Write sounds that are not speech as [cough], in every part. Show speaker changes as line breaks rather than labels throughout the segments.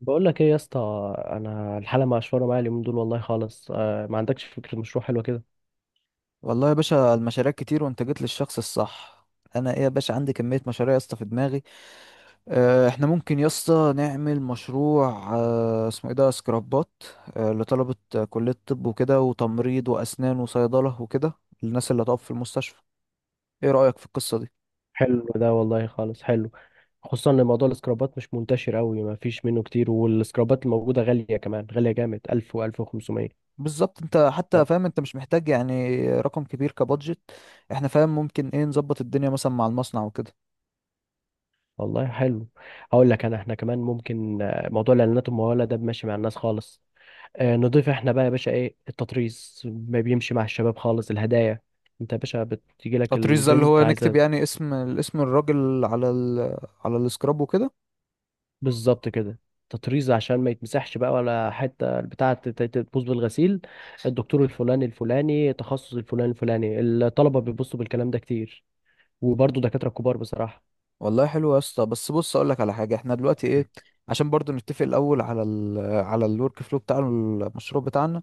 بقول لك ايه يا اسطى، انا الحاله مقشوره معايا اليومين دول والله خالص. ما عندكش فكره مشروع حلوه كده؟
والله يا باشا المشاريع كتير وانت جيت للشخص الصح. انا ايه يا باشا عندي كمية مشاريع يا اسطى في دماغي. اه احنا ممكن يا اسطى نعمل مشروع. اه اسمه ايه ده سكرابات. اه لطلبة، كلية طب وكده وتمريض واسنان وصيدلة وكده. الناس اللي هتقف في المستشفى. ايه رأيك في القصة دي؟
حلو ده والله، خالص حلو. خصوصا ان موضوع السكرابات مش منتشر قوي، ما فيش منه كتير، والسكرابات الموجوده غاليه، كمان غاليه جامد، 1000 و1500.
بالظبط، انت حتى فاهم انت مش محتاج يعني رقم كبير كبادجت. احنا فاهم ممكن ايه نظبط الدنيا مثلا مع المصنع وكده.
والله حلو. هقول لك انا، احنا كمان ممكن موضوع الاعلانات المموله ده ماشي مع الناس خالص. نضيف احنا بقى يا باشا ايه، التطريز ما بيمشي مع الشباب خالص، الهدايا. انت يا باشا بتيجي لك
تطريز ده اللي
البنت
هو نكتب
عايزه،
يعني اسم الراجل على على السكراب وكده.
بالظبط كده، تطريز عشان ما يتمسحش بقى ولا حته البتاعه تبوظ بالغسيل. الدكتور الفلاني الفلاني، تخصص الفلاني الفلاني، الطلبه بيبصوا بالكلام ده كتير، وبرضه دكاتره كبار بصراحه.
والله حلو يا اسطى، بس بص اقول لك على حاجه، احنا دلوقتي ايه؟
[laughs]
عشان برضو نتفق الاول على ال على الورك فلو بتاع المشروع بتاعنا.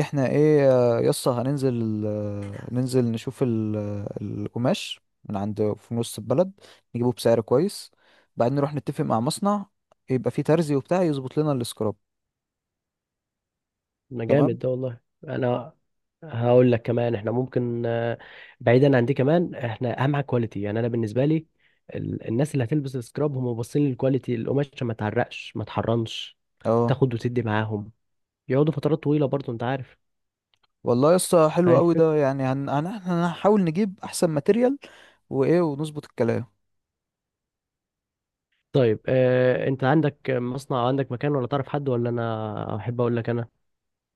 احنا ايه يا اسطى هننزل، ننزل نشوف القماش من عند في نص البلد. نجيبه بسعر كويس. بعدين نروح نتفق مع مصنع يبقى فيه ترزي وبتاع يظبط لنا السكراب.
ما
تمام.
جامد ده والله. انا هقول لك كمان، احنا ممكن، بعيدا عن دي، كمان احنا اهم حاجه كواليتي يعني انا بالنسبه لي. الناس اللي هتلبس السكراب هم باصين للكواليتي، القماش عشان ما تعرقش ما تحرنش،
اه
تاخد وتدي معاهم، يقعدوا فترات طويله برضه انت
والله يا اسطى حلو
عارف.
قوي ده، يعني هنحاول نجيب احسن ماتيريال وايه ونظبط الكلام.
طيب انت عندك مصنع او عندك مكان، ولا تعرف حد، ولا انا احب اقول لك انا؟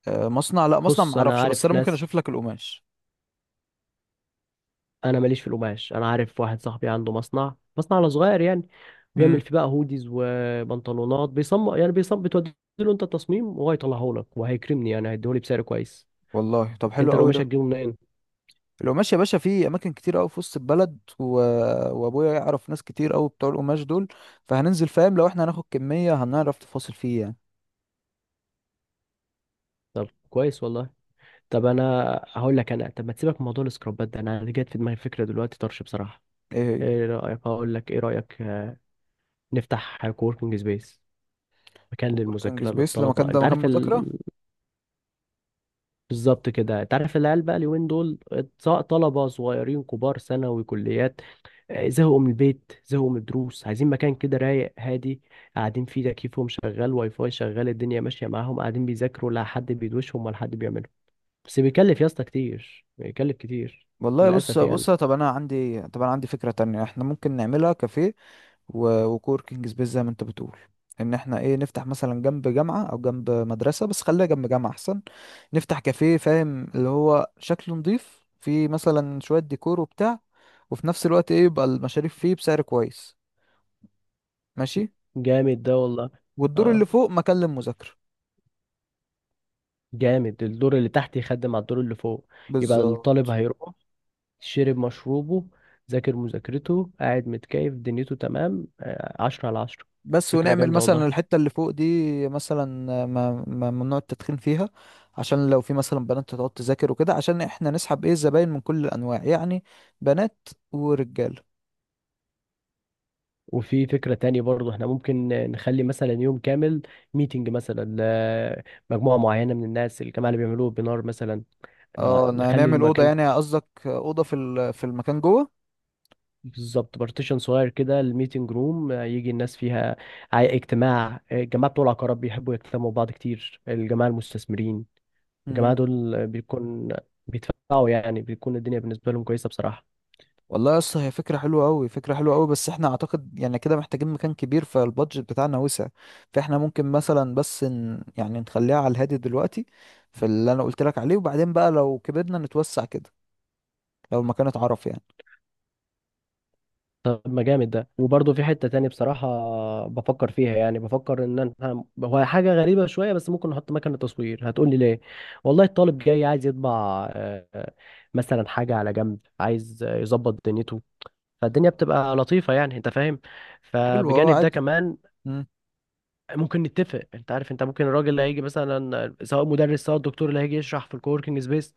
مصنع لا، مصنع
بص انا
معرفش، بس
عارف
انا ممكن
ناس،
اشوف لك القماش.
انا ماليش في القماش، انا عارف واحد صاحبي عنده مصنع على صغير يعني، بيعمل فيه بقى هوديز وبنطلونات، بيصمم يعني بيصمم، بتودي له انت التصميم وهو يطلعه لك، وهيكرمني يعني هيديهولي بسعر كويس.
والله طب حلو
انت
قوي
القماش
ده.
هتجيبه منين؟
لو ماشي يا باشا في اماكن كتير قوي في وسط البلد وابويا يعرف ناس كتير قوي بتوع القماش دول. فهننزل فاهم لو احنا هناخد كمية هنعرف تفاصل فيه يعني.
طب كويس والله. طب انا هقول لك انا، طب ما تسيبك من موضوع السكرابات ده، انا جت في دماغي فكره دلوقتي طرش بصراحه.
ايه هي؟
ايه رايك، اقول لك ايه رايك، نفتح كووركينج سبيس، مكان
كووركينج
للمذاكرة
سبيس
للطلبة
المكان ده
انت
مكان
عارف
مذاكرة؟
بالظبط كده. انت عارف العيال بقى اليومين دول، سواء طلبة صغيرين، كبار، ثانوي، كليات، زهقوا من البيت، زهقوا من الدروس، عايزين مكان كده رايق هادي، قاعدين فيه تكييفهم شغال، واي فاي شغال، الدنيا ماشية معاهم، قاعدين بيذاكروا، لا حد بيدوشهم ولا حد بيعمله. بس بيكلف يا اسطى كتير، بيكلف كتير
والله بص
للأسف يعني.
بص، طب انا عندي فكرة تانية، احنا ممكن نعملها كافيه وكوركينج سبيس زي ما انت بتقول. ان احنا ايه نفتح مثلا جنب جامعة او جنب مدرسة، بس خليها جنب جامعة احسن. نفتح كافيه فاهم اللي هو شكله نضيف، فيه مثلا شوية ديكور وبتاع. وفي نفس الوقت ايه يبقى المشاريب فيه بسعر كويس. ماشي.
جامد ده والله.
والدور اللي
اه
فوق مكان للمذاكرة.
جامد، الدور اللي تحت يخدم على الدور اللي فوق، يبقى
بالظبط.
الطالب هيروح، شرب مشروبه، ذاكر مذاكرته، قاعد متكيف، دنيته تمام، 10/10.
بس
فكرة
ونعمل
جامدة والله.
مثلا الحتة اللي فوق دي مثلا ممنوع التدخين فيها. عشان لو في مثلا بنات تقعد تذاكر وكده، عشان احنا نسحب ايه زباين من كل الانواع يعني، بنات ورجال.
وفي فكرة تانية برضه، احنا ممكن نخلي مثلا يوم كامل ميتنج، مثلا لمجموعة معينة من الناس، الجماعة اللي بيعملوه بنار مثلا، إنه
اه إن
نخلي
هنعمل اوضه،
المكان،
يعني قصدك اوضه في في المكان جوه.
بالظبط، بارتيشن صغير كده، الميتنج روم يجي الناس فيها. اجتماع، الجماعة بتوع العقارات بيحبوا يجتمعوا بعض كتير، الجماعة المستثمرين، الجماعة
امم.
دول بيكون بيدفعوا يعني، بيكون الدنيا بالنسبة لهم كويسة بصراحة.
والله يا اسطى هي فكره حلوه قوي، فكره حلوه قوي، بس احنا اعتقد يعني كده محتاجين مكان كبير، فالبادجت بتاعنا وسع. فاحنا ممكن مثلا بس يعني نخليها على الهادي دلوقتي في اللي انا قلت لك عليه، وبعدين بقى لو كبرنا نتوسع كده لو المكان اتعرف يعني.
طب ما جامد ده. وبرضه في حتة تاني بصراحة بفكر فيها، يعني بفكر ان انا، هو حاجة غريبة شوية بس، ممكن احط مكنة تصوير. هتقول لي ليه؟ والله الطالب جاي عايز يطبع، آه، آه، مثلا حاجة على جنب عايز يظبط دنيته، فالدنيا بتبقى لطيفة يعني انت فاهم.
حلو،
فبجانب ده
عادي.
كمان،
امم.
ممكن نتفق، انت عارف، انت ممكن الراجل اللي هيجي مثلا، سواء مدرس سواء الدكتور اللي هيجي يشرح في الكووركينج سبيس،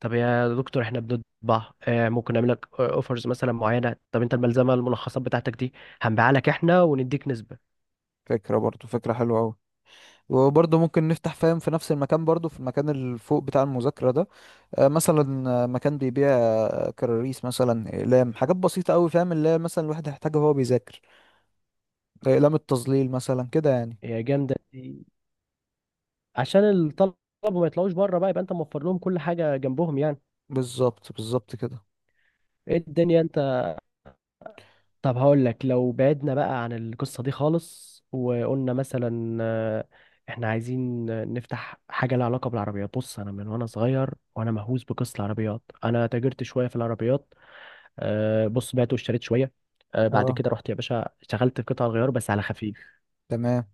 طب يا دكتور احنا بنطبع، ممكن نعمل لك اوفرز مثلا معينه، طب انت الملزمه، الملخصات بتاعتك دي هنبيعها لك احنا ونديك نسبه.
فكره حلوه قوي. وبرضه ممكن نفتح فاهم في نفس المكان، برضه في المكان اللي فوق بتاع المذاكرة ده، مثلا مكان بيبيع كراريس مثلا اقلام، حاجات بسيطه قوي فاهم اللي هي مثلا الواحد هيحتاجها وهو بيذاكر، اقلام التظليل مثلا كده يعني.
يا جامده دي. عشان الطلبه ما يطلعوش بره بقى، يبقى انت موفر لهم كل حاجه جنبهم يعني.
بالظبط بالظبط كده.
ايه الدنيا انت. طب هقول لك، لو بعدنا بقى عن القصه دي خالص، وقلنا مثلا احنا عايزين نفتح حاجه لها علاقه بالعربيات. بص انا من وانا صغير وانا مهووس بقصه العربيات، انا تاجرت شويه في العربيات، بص بعت واشتريت شويه، بعد
اه
كده رحت يا باشا اشتغلت في قطع الغيار بس على خفيف.
تمام.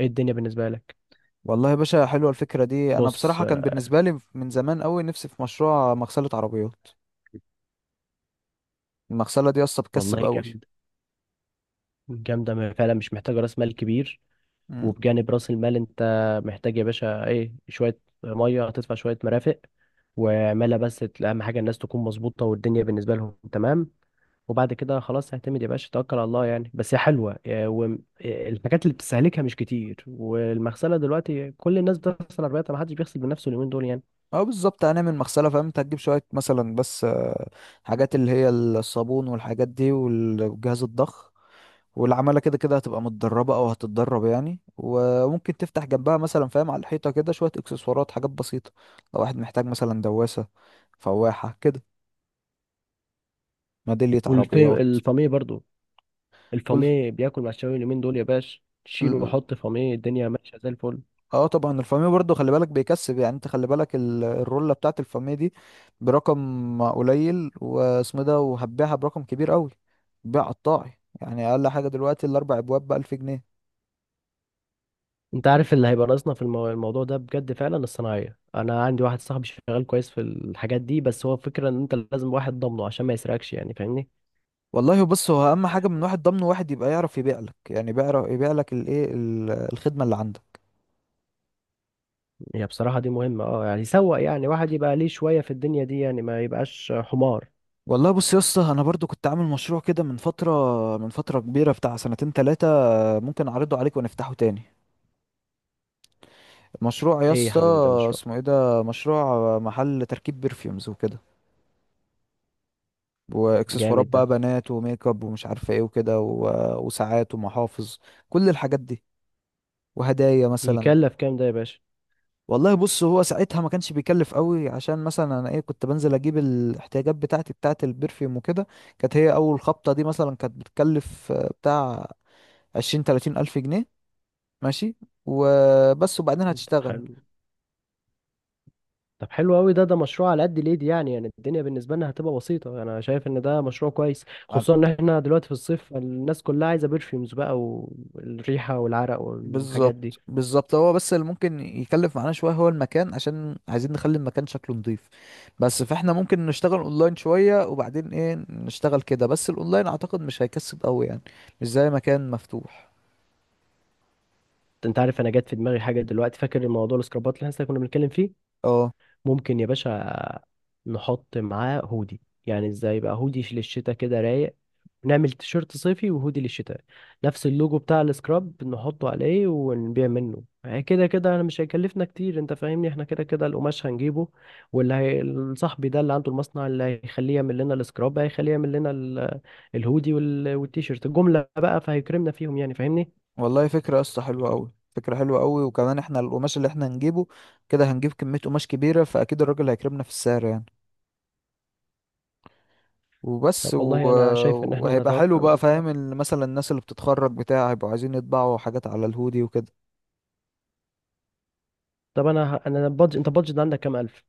ايه الدنيا بالنسبه لك؟
والله يا باشا حلوه الفكره دي، انا
بص
بصراحه كان بالنسبه لي من زمان قوي نفسي في مشروع مغسله عربيات. المغسله دي اصلا
والله
بتكسب قوي.
جامد، جامده، فعلا مش محتاجه راس مال كبير.
امم.
وبجانب راس المال انت محتاج يا باشا ايه، شويه ميه هتدفع، شويه مرافق، واعملها بس اهم حاجه الناس تكون مظبوطه والدنيا بالنسبه لهم تمام، وبعد كده خلاص اعتمد يا باشا، توكل على الله يعني، بس هي حلوه. والحاجات اللي بتستهلكها مش كتير، والمغسله دلوقتي كل الناس بتغسل عربيات، ما حدش بيغسل بنفسه اليومين دول يعني.
اه، بالظبط، هنعمل مغسله فاهم، انت هتجيب شويه مثلا بس حاجات اللي هي الصابون والحاجات دي والجهاز الضخ. والعمالة كده كده هتبقى متدربة أو هتتدرب يعني. وممكن تفتح جنبها مثلا فاهم على الحيطة كده شوية إكسسوارات، حاجات بسيطة. لو واحد محتاج مثلا دواسة، فواحة كده، ميدالية عربيات.
والفاميه برضو،
وال...
الفاميه بياكل مع الشاوي اليومين دول يا باش، شيل
ال-
وحط فاميه الدنيا ماشيه زي الفل.
اه طبعا الفاميه برضو خلي بالك بيكسب يعني، انت خلي بالك الرولة بتاعت الفاميه دي برقم قليل واسمه ده وهتبيعها برقم كبير قوي. بيع قطاعي يعني اقل حاجة دلوقتي الاربع ابواب بألف جنيه.
انت عارف اللي هيبقى ناقصنا في الموضوع ده بجد فعلا، الصناعيه. انا عندي واحد صاحبي شغال كويس في الحاجات دي، بس هو الفكره ان انت لازم واحد ضامنه عشان ما يسرقكش يعني فاهمني.
والله بص هو اهم حاجه من واحد ضمن واحد يبقى يعرف يبيع لك، يعني بيعرف يبيع لك الايه الخدمه اللي عندك.
هي بصراحه دي مهمه، اه يعني يسوق يعني، واحد يبقى ليه شويه في الدنيا دي يعني، ما يبقاش حمار.
والله بص يا اسطى انا برضو كنت عامل مشروع كده من فتره، من فتره كبيره، بتاع سنتين تلاتة. ممكن اعرضه عليك ونفتحه تاني. مشروع يا
ايه يا
اسطى
حبيبي يا مشروع.
اسمه ايه ده؟ مشروع محل تركيب برفيومز وكده واكسسوارات
جامد
بقى
ده.
بنات وميك اب ومش عارفه ايه وكده وساعات ومحافظ، كل الحاجات دي، وهدايا مثلا.
يكلف كام ده يا باشا؟
والله بص هو ساعتها ما كانش بيكلف قوي، عشان مثلا انا ايه كنت بنزل اجيب الاحتياجات بتاعتي بتاعت البرفيوم وكده. كانت هي اول خبطة دي مثلا كانت بتكلف بتاع 20 30 ألف جنيه ماشي وبس، وبعدين هتشتغل.
حلو. طب حلو قوي ده، ده مشروع على قد الايد يعني الدنيا بالنسبه لنا هتبقى بسيطه. انا شايف ان ده مشروع كويس،
على-
خصوصا ان احنا دلوقتي في الصيف، الناس كلها عايزه برفيومز بقى، والريحه والعرق والحاجات دي.
بالظبط بالظبط، هو بس اللي ممكن يكلف معانا شوية هو المكان عشان عايزين نخلي المكان شكله نضيف. بس فاحنا ممكن نشتغل اونلاين شوية وبعدين ايه نشتغل كده، بس الاونلاين اعتقد مش هيكسب قوي يعني، مش زي مكان مفتوح.
انت عارف انا جات في دماغي حاجه دلوقتي، فاكر الموضوع السكرابات اللي احنا كنا بنتكلم فيه؟
اه،
ممكن يا باشا نحط معاه هودي، يعني ازاي بقى، هودي للشتاء كده رايق، نعمل تيشيرت صيفي وهودي للشتاء، نفس اللوجو بتاع السكراب نحطه عليه ونبيع منه يعني. كده كده انا مش هيكلفنا كتير، انت فاهمني، احنا كده كده القماش هنجيبه، واللي هي صاحبي ده اللي عنده المصنع، اللي هيخليه يعمل لنا السكراب، هيخليه يعمل لنا الهودي والتيشيرت جملة بقى، فهيكرمنا فيهم يعني فاهمني.
والله فكرة يا اسطى حلوة أوي، فكرة حلوة أوي. وكمان احنا القماش اللي احنا هنجيبه كده هنجيب كمية قماش كبيرة فأكيد الراجل هيكرمنا في السعر يعني،
طب
وبس
والله انا شايف ان احنا
وهيبقى حلو
نتوكل على
بقى
الله.
فاهم مثلا الناس اللي بتتخرج بتاع هيبقوا عايزين يطبعوا حاجات على الهودي وكده.
طب انا انا انت بادجت عندك كام الف؟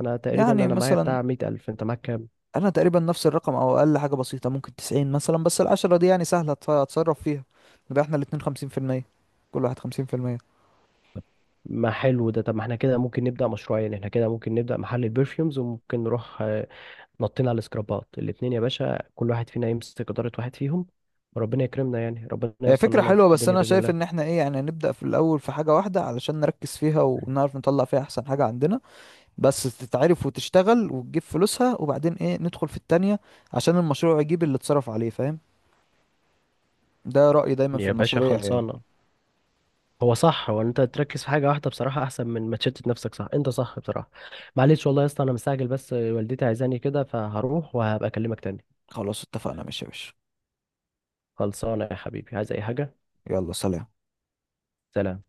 انا تقريبا
يعني
انا معايا
مثلا
بتاع 100 ألف، انت معاك كام؟
أنا تقريبا نفس الرقم أو أقل حاجة بسيطة ممكن 90 مثلا، بس 10 دي يعني سهلة أتصرف فيها. نبقى احنا الاتنين 50%، كل واحد 50%.
ما حلو ده. طب ما احنا كده ممكن نبدأ مشروعين، احنا كده ممكن نبدأ محل البرفيومز، وممكن نروح نطينا على السكرابات الاتنين يا باشا، كل واحد فينا يمسك إدارة واحد فيهم، وربنا يكرمنا يعني، ربنا
هي
يوصل
فكرة
لنا
حلوة،
في
بس
الدنيا
أنا
بإذن
شايف إن
الله.
احنا إيه يعني نبدأ في الأول في حاجة واحدة علشان نركز فيها ونعرف نطلع فيها أحسن حاجة عندنا. بس تتعرف وتشتغل وتجيب فلوسها، وبعدين ايه ندخل في التانية عشان المشروع يجيب اللي اتصرف عليه فاهم. ده رأيي دايما في
يا باشا
المشاريع يعني.
خلصانة. هو صح، هو انت تركز في حاجة واحدة بصراحة احسن من ما تشتت نفسك، صح انت، صح بصراحة. معلش والله يا اسطى انا مستعجل، بس والدتي عايزاني كده، فهروح وهبقى اكلمك تاني.
خلاص اتفقنا ماشي يا باشا.
خلصانة يا حبيبي، عايز اي حاجة؟
يلا سلام.
سلام.